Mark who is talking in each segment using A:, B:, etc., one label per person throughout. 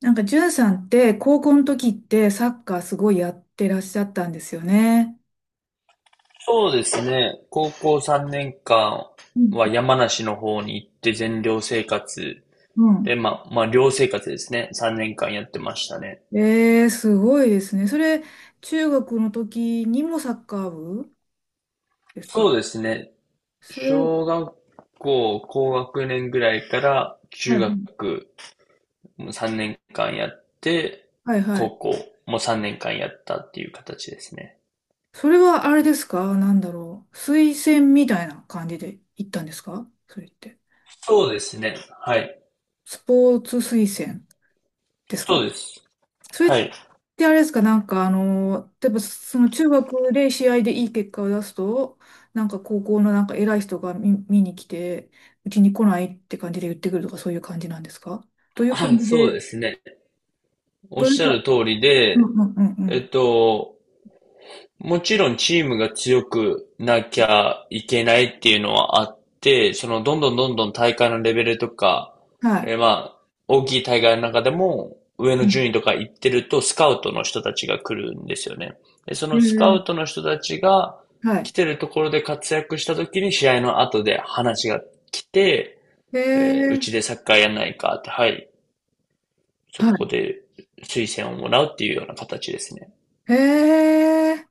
A: なんか、じゅんさんって、高校の時ってサッカーすごいやってらっしゃったんですよね。
B: そうですね。高校3年
A: う
B: 間
A: ん。
B: は山梨の方に行って全寮生活
A: う
B: で、
A: ん。
B: まあ寮生活ですね。3年間やってましたね。
A: えー、すごいですね。それ、中学の時にもサッカー部ですか？
B: そうですね。
A: それ、は
B: 小
A: い。
B: 学校高学年ぐらいから中学3年間やって、
A: はい。はい。は
B: 高
A: い。
B: 校も3年間やったっていう形ですね。
A: それはあれですか？なんだろう。推薦みたいな感じで行ったんですか、それって。
B: そうですね。はい。
A: スポーツ推薦です
B: そう
A: か？
B: です。
A: それっ
B: はい。
A: てあれですか、なんかあの、例えばその中学で試合でいい結果を出すと、なんか高校のなんか偉い人が見に来て、うちに来ないって感じで言ってくるとかそういう感じなんですか？どう いう感
B: あ、
A: じ
B: そう
A: で、
B: ですね。おっ
A: どうい
B: し
A: う
B: ゃ
A: か、
B: る通り
A: うん。う
B: で、
A: ん。うん。う
B: えっ
A: ん。
B: と、もちろんチームが強くなきゃいけないっていうのはあって、そのどんどんどんどん大会のレベルとか、
A: はい。
B: まあ、大きい大会の中でも上
A: う
B: の
A: ん。
B: 順位とか行ってるとスカウトの人たちが来るんですよね。で、そ
A: へ
B: のスカ
A: え。
B: ウトの人たちが
A: は
B: 来
A: い。
B: てるところで活躍した時に試合の後で話が来て、
A: へ
B: えーう
A: え。
B: ちでサッカーやんないかって、はい、そ
A: は
B: こで推薦をもらうっていうような形ですね。
A: い。へえ。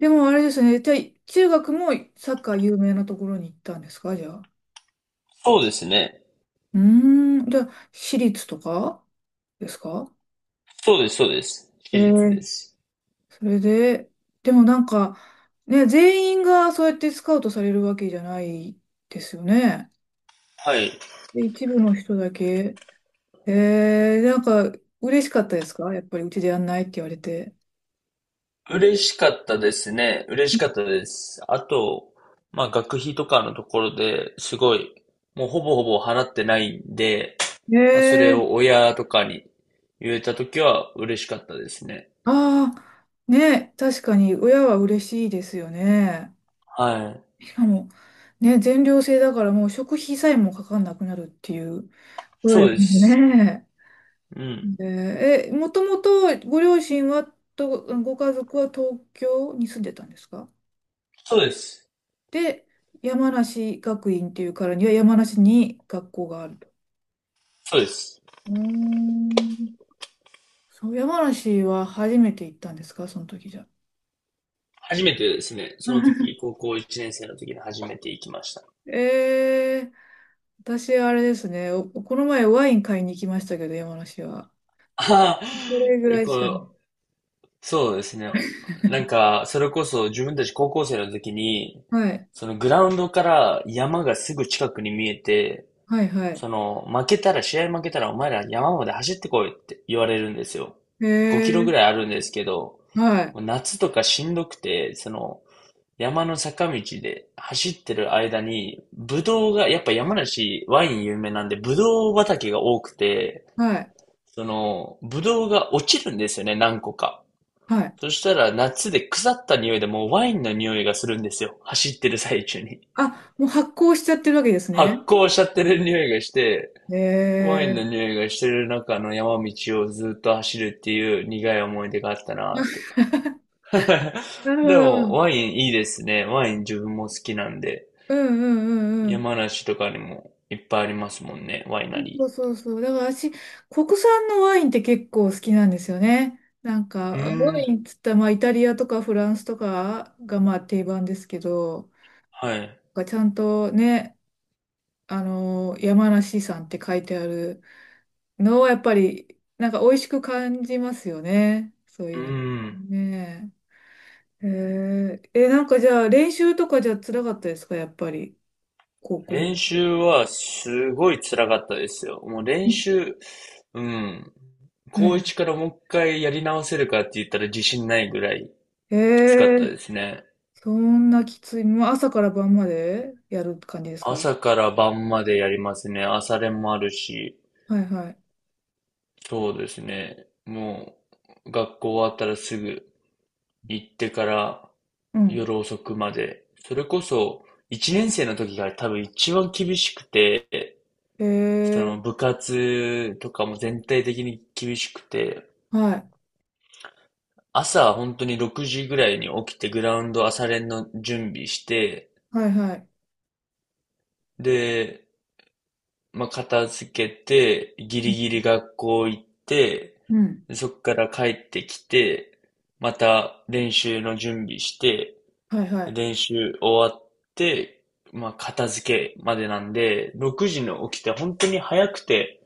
A: でもあれですね、じゃあ中学もサッカー有名なところに行ったんですか、じゃあ。
B: そうですね。
A: うーん、じゃあ私立とかですか？
B: そうです、そうです。私
A: え
B: 立で
A: え。
B: す。
A: それで、でもなんか、ね、全員がそうやってスカウトされるわけじゃないですよね。
B: はい。
A: で、一部の人だけ。えー、なんか、嬉しかったですか、やっぱりうちでやんないって言われて。
B: 嬉しかったですね。嬉しかったです。あと、まあ学費とかのところですごい、もうほぼほぼ払ってないんで、まあそれ
A: えー、
B: を親とかに言えたときは嬉しかったですね。
A: ああ、ね、確かに親は嬉しいですよね。
B: はい。
A: しかも、ね、全寮制だからもう食費さえもかかんなくなるっていうこと
B: そう
A: で
B: で
A: すもん
B: す。
A: ね。
B: うん。
A: えー、もともとご両親はと、ご家族は東京に住んでたんですか？
B: そうです。
A: で、山梨学院っていうからには山梨に学校があると。
B: そうです。
A: うーん。そう、山梨は初めて行ったんですか、その時じゃ。
B: 初めてですね。その時、高校1年生の時に初めて行きました。
A: えー、私あれですね、この前ワイン買いに行きましたけど、山梨は。
B: ああ、
A: それぐら いしかない。
B: こうそうですね。なんか、それこそ自分たち高校生の時に、
A: はい、
B: そのグラウンドから山がすぐ近くに見えて、
A: はい、はい。
B: その負けたら、試合負けたらお前ら山まで走ってこいって言われるんですよ。
A: え
B: 5キロぐ
A: ー、
B: らいあるんですけど、
A: はい、
B: もう夏とかしんどくて、その山の坂道で走ってる間に、ブドウが、やっぱ山梨ワイン有名なんで、ブドウ畑が多くて、
A: はい、
B: その、ブドウが落ちるんですよね、何個か。
A: はい。
B: そしたら夏で腐った匂いでもうワインの匂いがするんですよ。走ってる最中に。
A: あ、もう発酵しちゃってるわけですね。
B: 発酵しちゃってる匂いがして、ワイン
A: え
B: の
A: え。
B: 匂いがしてる中の山道をずっと走るっていう苦い思い出があったなーって。
A: なるほ
B: で
A: ど。う
B: も、
A: ん。
B: ワインいいですね。ワイン自分も好きなんで。
A: うん。うん。うん。
B: 山梨とかにもいっぱいありますもんね、ワイナ
A: そ
B: リ
A: うそうそう。だから私、国産のワインって結構好きなんですよね。なん
B: ー。うー
A: か、ワ
B: ん、
A: インっつったら、まあ、イタリアとかフランスとかがまあ定番ですけど、
B: はい。
A: なんかちゃんとね、あの、山梨産って書いてあるのはやっぱり、なんか美味しく感じますよね。そう
B: う
A: いうの。
B: ーん。
A: ねえ。へえ。え、なんかじゃあ練習とかじゃ辛かったですか、やっぱり、高校の
B: 練
A: 時は。
B: 習はすごい辛かったですよ。もう
A: う
B: 練
A: ん。
B: 習、うん。
A: はい。
B: 高一からもう一回やり直せるかって言ったら自信ないぐらい
A: え
B: きつかっ
A: え
B: た
A: ー。
B: ですね。
A: そんなきつい。もう朝から晩までやる感じですか？
B: 朝から晩までやりますね。朝練もあるし。
A: はい。はい。
B: そうですね。もう、学校終わったらすぐ行ってから
A: うん。
B: 夜遅くまで。それこそ、一年生の時が多分一番厳しくて、
A: ええ
B: その
A: ー。
B: 部活とかも全体的に厳しくて、
A: はい。
B: 朝は本当に6時ぐらいに起きて、グラウンド朝練の準備して、
A: はい。はい。
B: で、まあ、片付けて、ギ
A: う
B: リ
A: ん。
B: ギリ学校行って、
A: うん。
B: でそっから帰ってきて、また練習の準備して、
A: はい。は
B: 練習終わって、まあ、片付けまでなんで、6時に起きて本当に早くて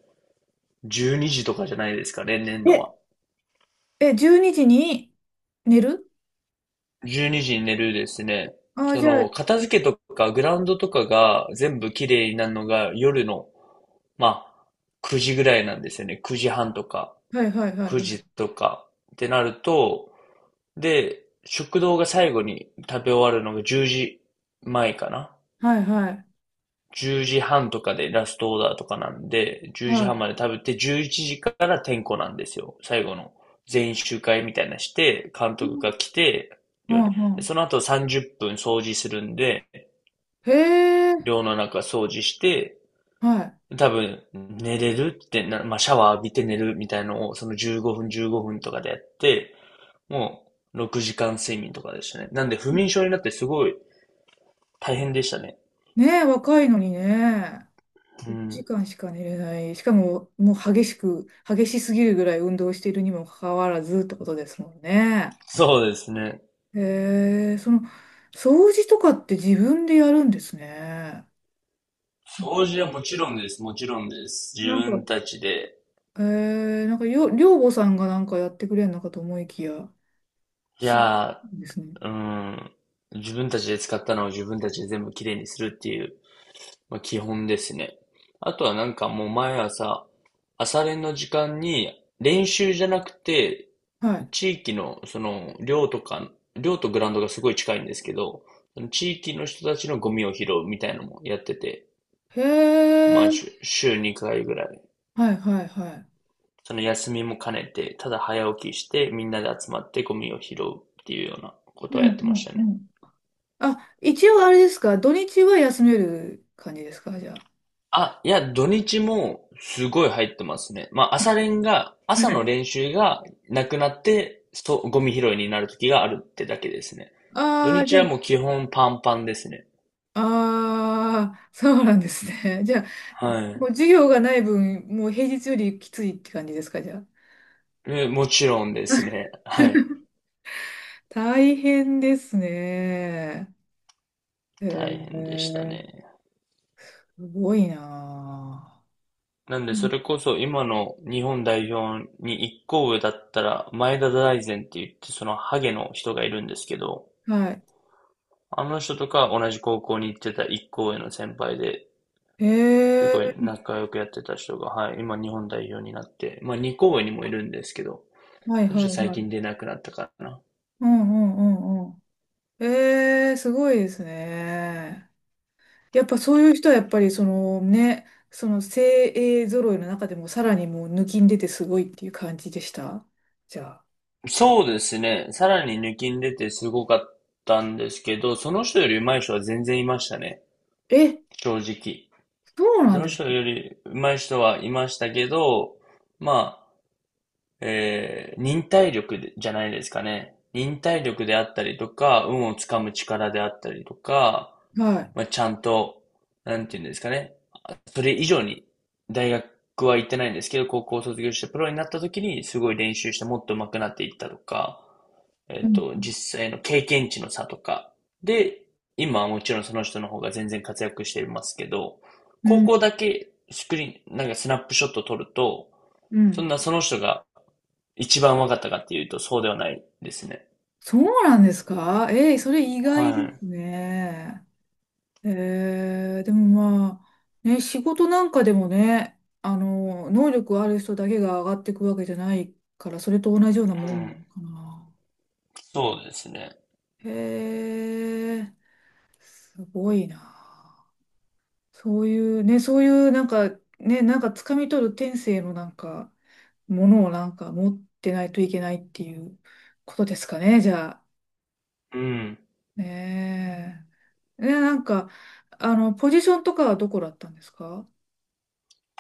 B: 12時とかじゃないですかね、例年
A: い。
B: の
A: え、
B: は。
A: え、12時にじに寝る。
B: 12時にじに寝るですね。
A: ああー、
B: そ
A: じゃあ、は
B: の、片付けとか、グラウンドとかが全部綺麗になるのが夜の、まあ、9時ぐらいなんですよね。9時半とか、
A: い。はい。はい。は
B: 9
A: い。
B: 時とかってなると、で、食堂が最後に食べ終わるのが10時前かな。
A: はい。はい。
B: 10時半とかでラストオーダーとかなんで、10時
A: は
B: 半
A: い。
B: まで食べて、11時から点呼なんですよ。最後の全員集会みたいなして、監
A: う
B: 督が
A: ん。
B: 来て、
A: う
B: 寮に。
A: ん。う
B: で
A: ん。
B: その後30分掃除するんで、
A: へえ、
B: 寮の中掃除して、
A: は
B: 多分寝れるってな、まあ、シャワー浴びて寝るみたいのを、その15分15分とかでやって、もう6時間睡眠とかでしたね。なんで不眠症になってすごい大変でしたね。
A: い。ねえ、若いのにね。
B: う
A: 1
B: ん。
A: 時間しか寝れない。しかも、もう激しく、激しすぎるぐらい運動しているにもかかわらずってことですもんね。
B: そうですね。
A: へえ、その、掃除とかって自分でやるんですね。
B: 掃除はもちろんです。もちろんです。自
A: なんか、
B: 分たちで。
A: えー、なんかよ、寮母さんがなんかやってくれるのかと思いきや、違
B: い
A: う
B: や
A: んですね。
B: ー、うん。自分たちで使ったのを自分たちで全部きれいにするっていう、まあ、基本ですね。あとはなんかもう毎朝、朝練の時間に練習じゃなくて、
A: はい。
B: 地域のその寮とか、寮とグラウンドがすごい近いんですけど、その地域の人たちのゴミを拾うみたいなのもやってて、
A: へえ、
B: 毎週、週2回ぐらい
A: はい。はい。はい。
B: その休みも兼ねて、ただ早起きして、みんなで集まってゴミを拾うっていうようなこ
A: う
B: とはやっ
A: ん。
B: てま
A: う
B: し
A: ん。
B: た
A: う
B: ね。
A: ん。あ、一応あれですか、土日は休める感じですか、じゃあ。
B: あ、いや、土日もすごい入ってますね。まあ、朝練が、
A: は
B: 朝の
A: い。
B: 練習がなくなって、そう、ゴミ拾いになる時があるってだけですね。土
A: ああ、じ
B: 日
A: ゃ
B: は
A: あ、
B: もう基本パンパンですね。
A: ああ、そうなんですね。じゃあ、
B: は
A: もう
B: い。
A: 授業がない分、もう平日よりきついって感じですか、じゃあ。
B: もちろんです ね。はい。
A: 大変ですね。へ
B: 大変でした
A: え、
B: ね。
A: すごいなあ。
B: なん
A: う
B: で、
A: ん。
B: それこそ今の日本代表に一個上だったら、前田大然って言って、そのハゲの人がいるんですけど、
A: はい。
B: あの人とか同じ高校に行ってた一個上の先輩で、
A: え
B: すごい
A: え、
B: 仲良くやってた人が、はい、今日本代表になって、まあ二個上にもいるんですけど、
A: はい。
B: そし
A: は
B: て
A: い。
B: 最
A: は
B: 近
A: い。
B: 出なくなったかな。
A: うん。うん。うん。うん。ええ、すごいですね。やっぱそういう人はやっぱりそのね、その精鋭揃いの中でもさらにもう抜きん出てすごいっていう感じでした。じゃあ。
B: そうですね、さらに抜きん出てすごかったんですけど、その人より上手い人は全然いましたね、
A: え、
B: 正直。
A: そうな
B: そ
A: ん
B: の
A: です
B: 人
A: か？
B: より上手い人はいましたけど、まあ、忍耐力でじゃないですかね。忍耐力であったりとか、運をつかむ力であったりとか、
A: はい。
B: まあ、ちゃんと、なんていうんですかね。それ以上に大学は行ってないんですけど、高校を卒業してプロになった時にすごい練習してもっと上手くなっていったとか、
A: うん。
B: 実際の経験値の差とか。で、今はもちろんその人の方が全然活躍していますけど、
A: う
B: 高
A: ん。
B: 校だけスクリーン、なんかスナップショット撮ると、
A: う
B: そん
A: ん。
B: なその人が一番分かったかっていうとそうではないですね。
A: そうなんですか？ええ、それ意外で
B: はい。
A: すね。えー、でもまあ、ね、仕事なんかでもね、あの、能力ある人だけが上がっていくわけじゃないから、それと同じようなも
B: う
A: んな
B: ん。
A: のかな。
B: そうですね。
A: へえ、すごいな。そういうね、そういうなんか、ね、なんか掴み取る天性のなんか、ものをなんか持ってないといけないっていうことですかね、じゃあ。
B: うん。
A: ねえ。ね、なんか、あの、ポジションとかはどこだったんですか？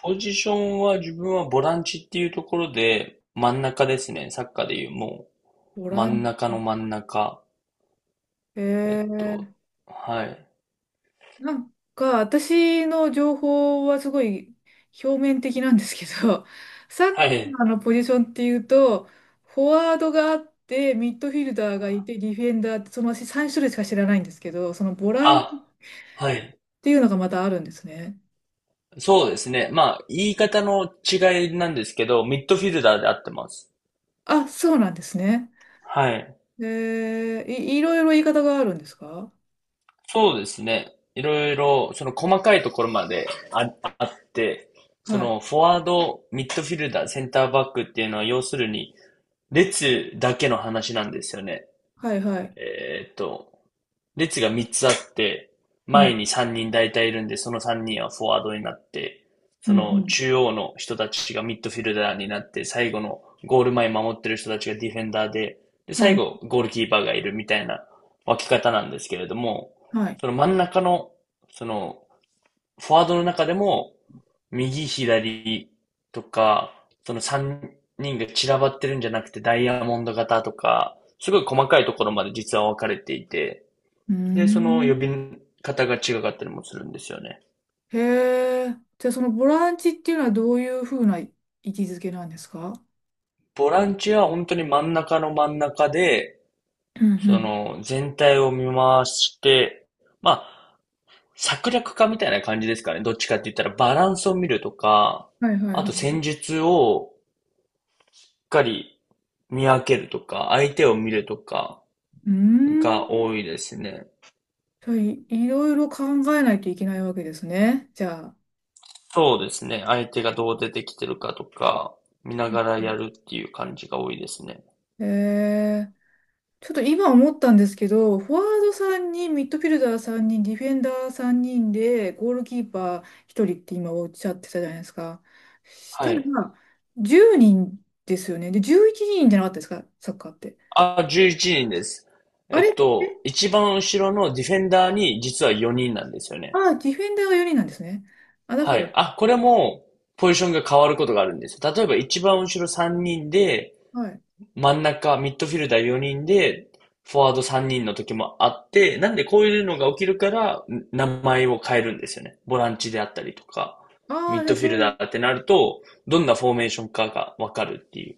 B: ポジションは自分はボランチっていうところで、真ん中ですね。サッカーでいう、も
A: ボ
B: う、真
A: ラ
B: ん
A: ン、
B: 中の真ん中。
A: へ
B: えっ
A: え。
B: と、はい。
A: なんか、私の情報はすごい表面的なんですけど、サッ
B: はい。
A: カーのポジションっていうと、フォワードがあって、ミッドフィルダーがいて、ディフェンダーって、その私3種類しか知らないんですけど、そのボランチ
B: あ、
A: っ
B: はい。
A: ていうのがまたあるんですね。
B: そうですね。まあ、言い方の違いなんですけど、ミッドフィルダーで合ってます。
A: あ、そうなんですね。
B: はい。
A: えー、いろいろ言い方があるんですか？
B: そうですね。いろいろ、その細かいところまであって、そ
A: はい。
B: のフォワード、ミッドフィルダー、センターバックっていうのは要するに、列だけの話なんですよね。
A: はい。はい。
B: えーっと、列が3つあって、
A: う
B: 前
A: ん、
B: に3人大体いるんで、その3人はフォワードになって、
A: う
B: そ
A: ん、う
B: の
A: ん。
B: 中央の人たちがミッドフィルダーになって、最後のゴール前守ってる人たちがディフェンダーで、で、
A: は
B: 最
A: い、
B: 後ゴールキーパーがいるみたいな分け方なんですけれども、
A: はい。
B: その真ん中の、そのフォワードの中でも、右、左とか、その3人が散らばってるんじゃなくて、ダイヤモンド型とか、すごい細かいところまで実は分かれていて、
A: うー
B: で、その呼び
A: ん。
B: 方が違かったりもするんですよね。
A: へえ。じゃあそのボランチっていうのはどういうふうな位置づけなんですか？
B: ボランチは本当に真ん中の真ん中で、
A: うん。う
B: そ
A: ん。
B: の全体を見回して、まあ、策略家みたいな感じですかね。どっちかって言ったらバランスを見るとか、
A: はい。はい。はい。
B: あ
A: は
B: と
A: い。
B: 戦術をかり見分けるとか、相手を見るとか
A: うー
B: が
A: ん。
B: 多いですね。
A: じゃあいろいろ考えないといけないわけですね。じゃあ。
B: そうですね。相手がどう出てきてるかとか、見
A: う
B: な
A: ん。
B: がらやるっていう感じが多いですね。
A: えー、ちょっと今思ったんですけど、フォワード3人、ミッドフィルダー3人、ディフェンダー3人で、ゴールキーパー1人って今おっしゃってたじゃないですか。し
B: は
A: たら、
B: い。
A: 10人ですよね。で、11人じゃなかったですか、サッカーって。
B: あ、11人です。
A: あ
B: えっ
A: れ、
B: と、一番後ろのディフェンダーに実は4人なんですよ
A: あ
B: ね。
A: あ、ディフェンダーが4人なんですね。あ、だ
B: は
A: から、
B: い。あ、これもポジションが変わることがあるんです。例えば一番後ろ3人で、
A: はい。
B: 真ん中、ミッドフィルダー4人で、フォワード3人の時もあって、なんでこういうのが起きるから、名前を変えるんですよね。ボランチであったりとか、
A: ああ、
B: ミッ
A: じゃ
B: ド
A: あ
B: フィ
A: そう
B: ル
A: い
B: ダ
A: う、
B: ーってなると、どんなフォーメーションかがわかるっていう。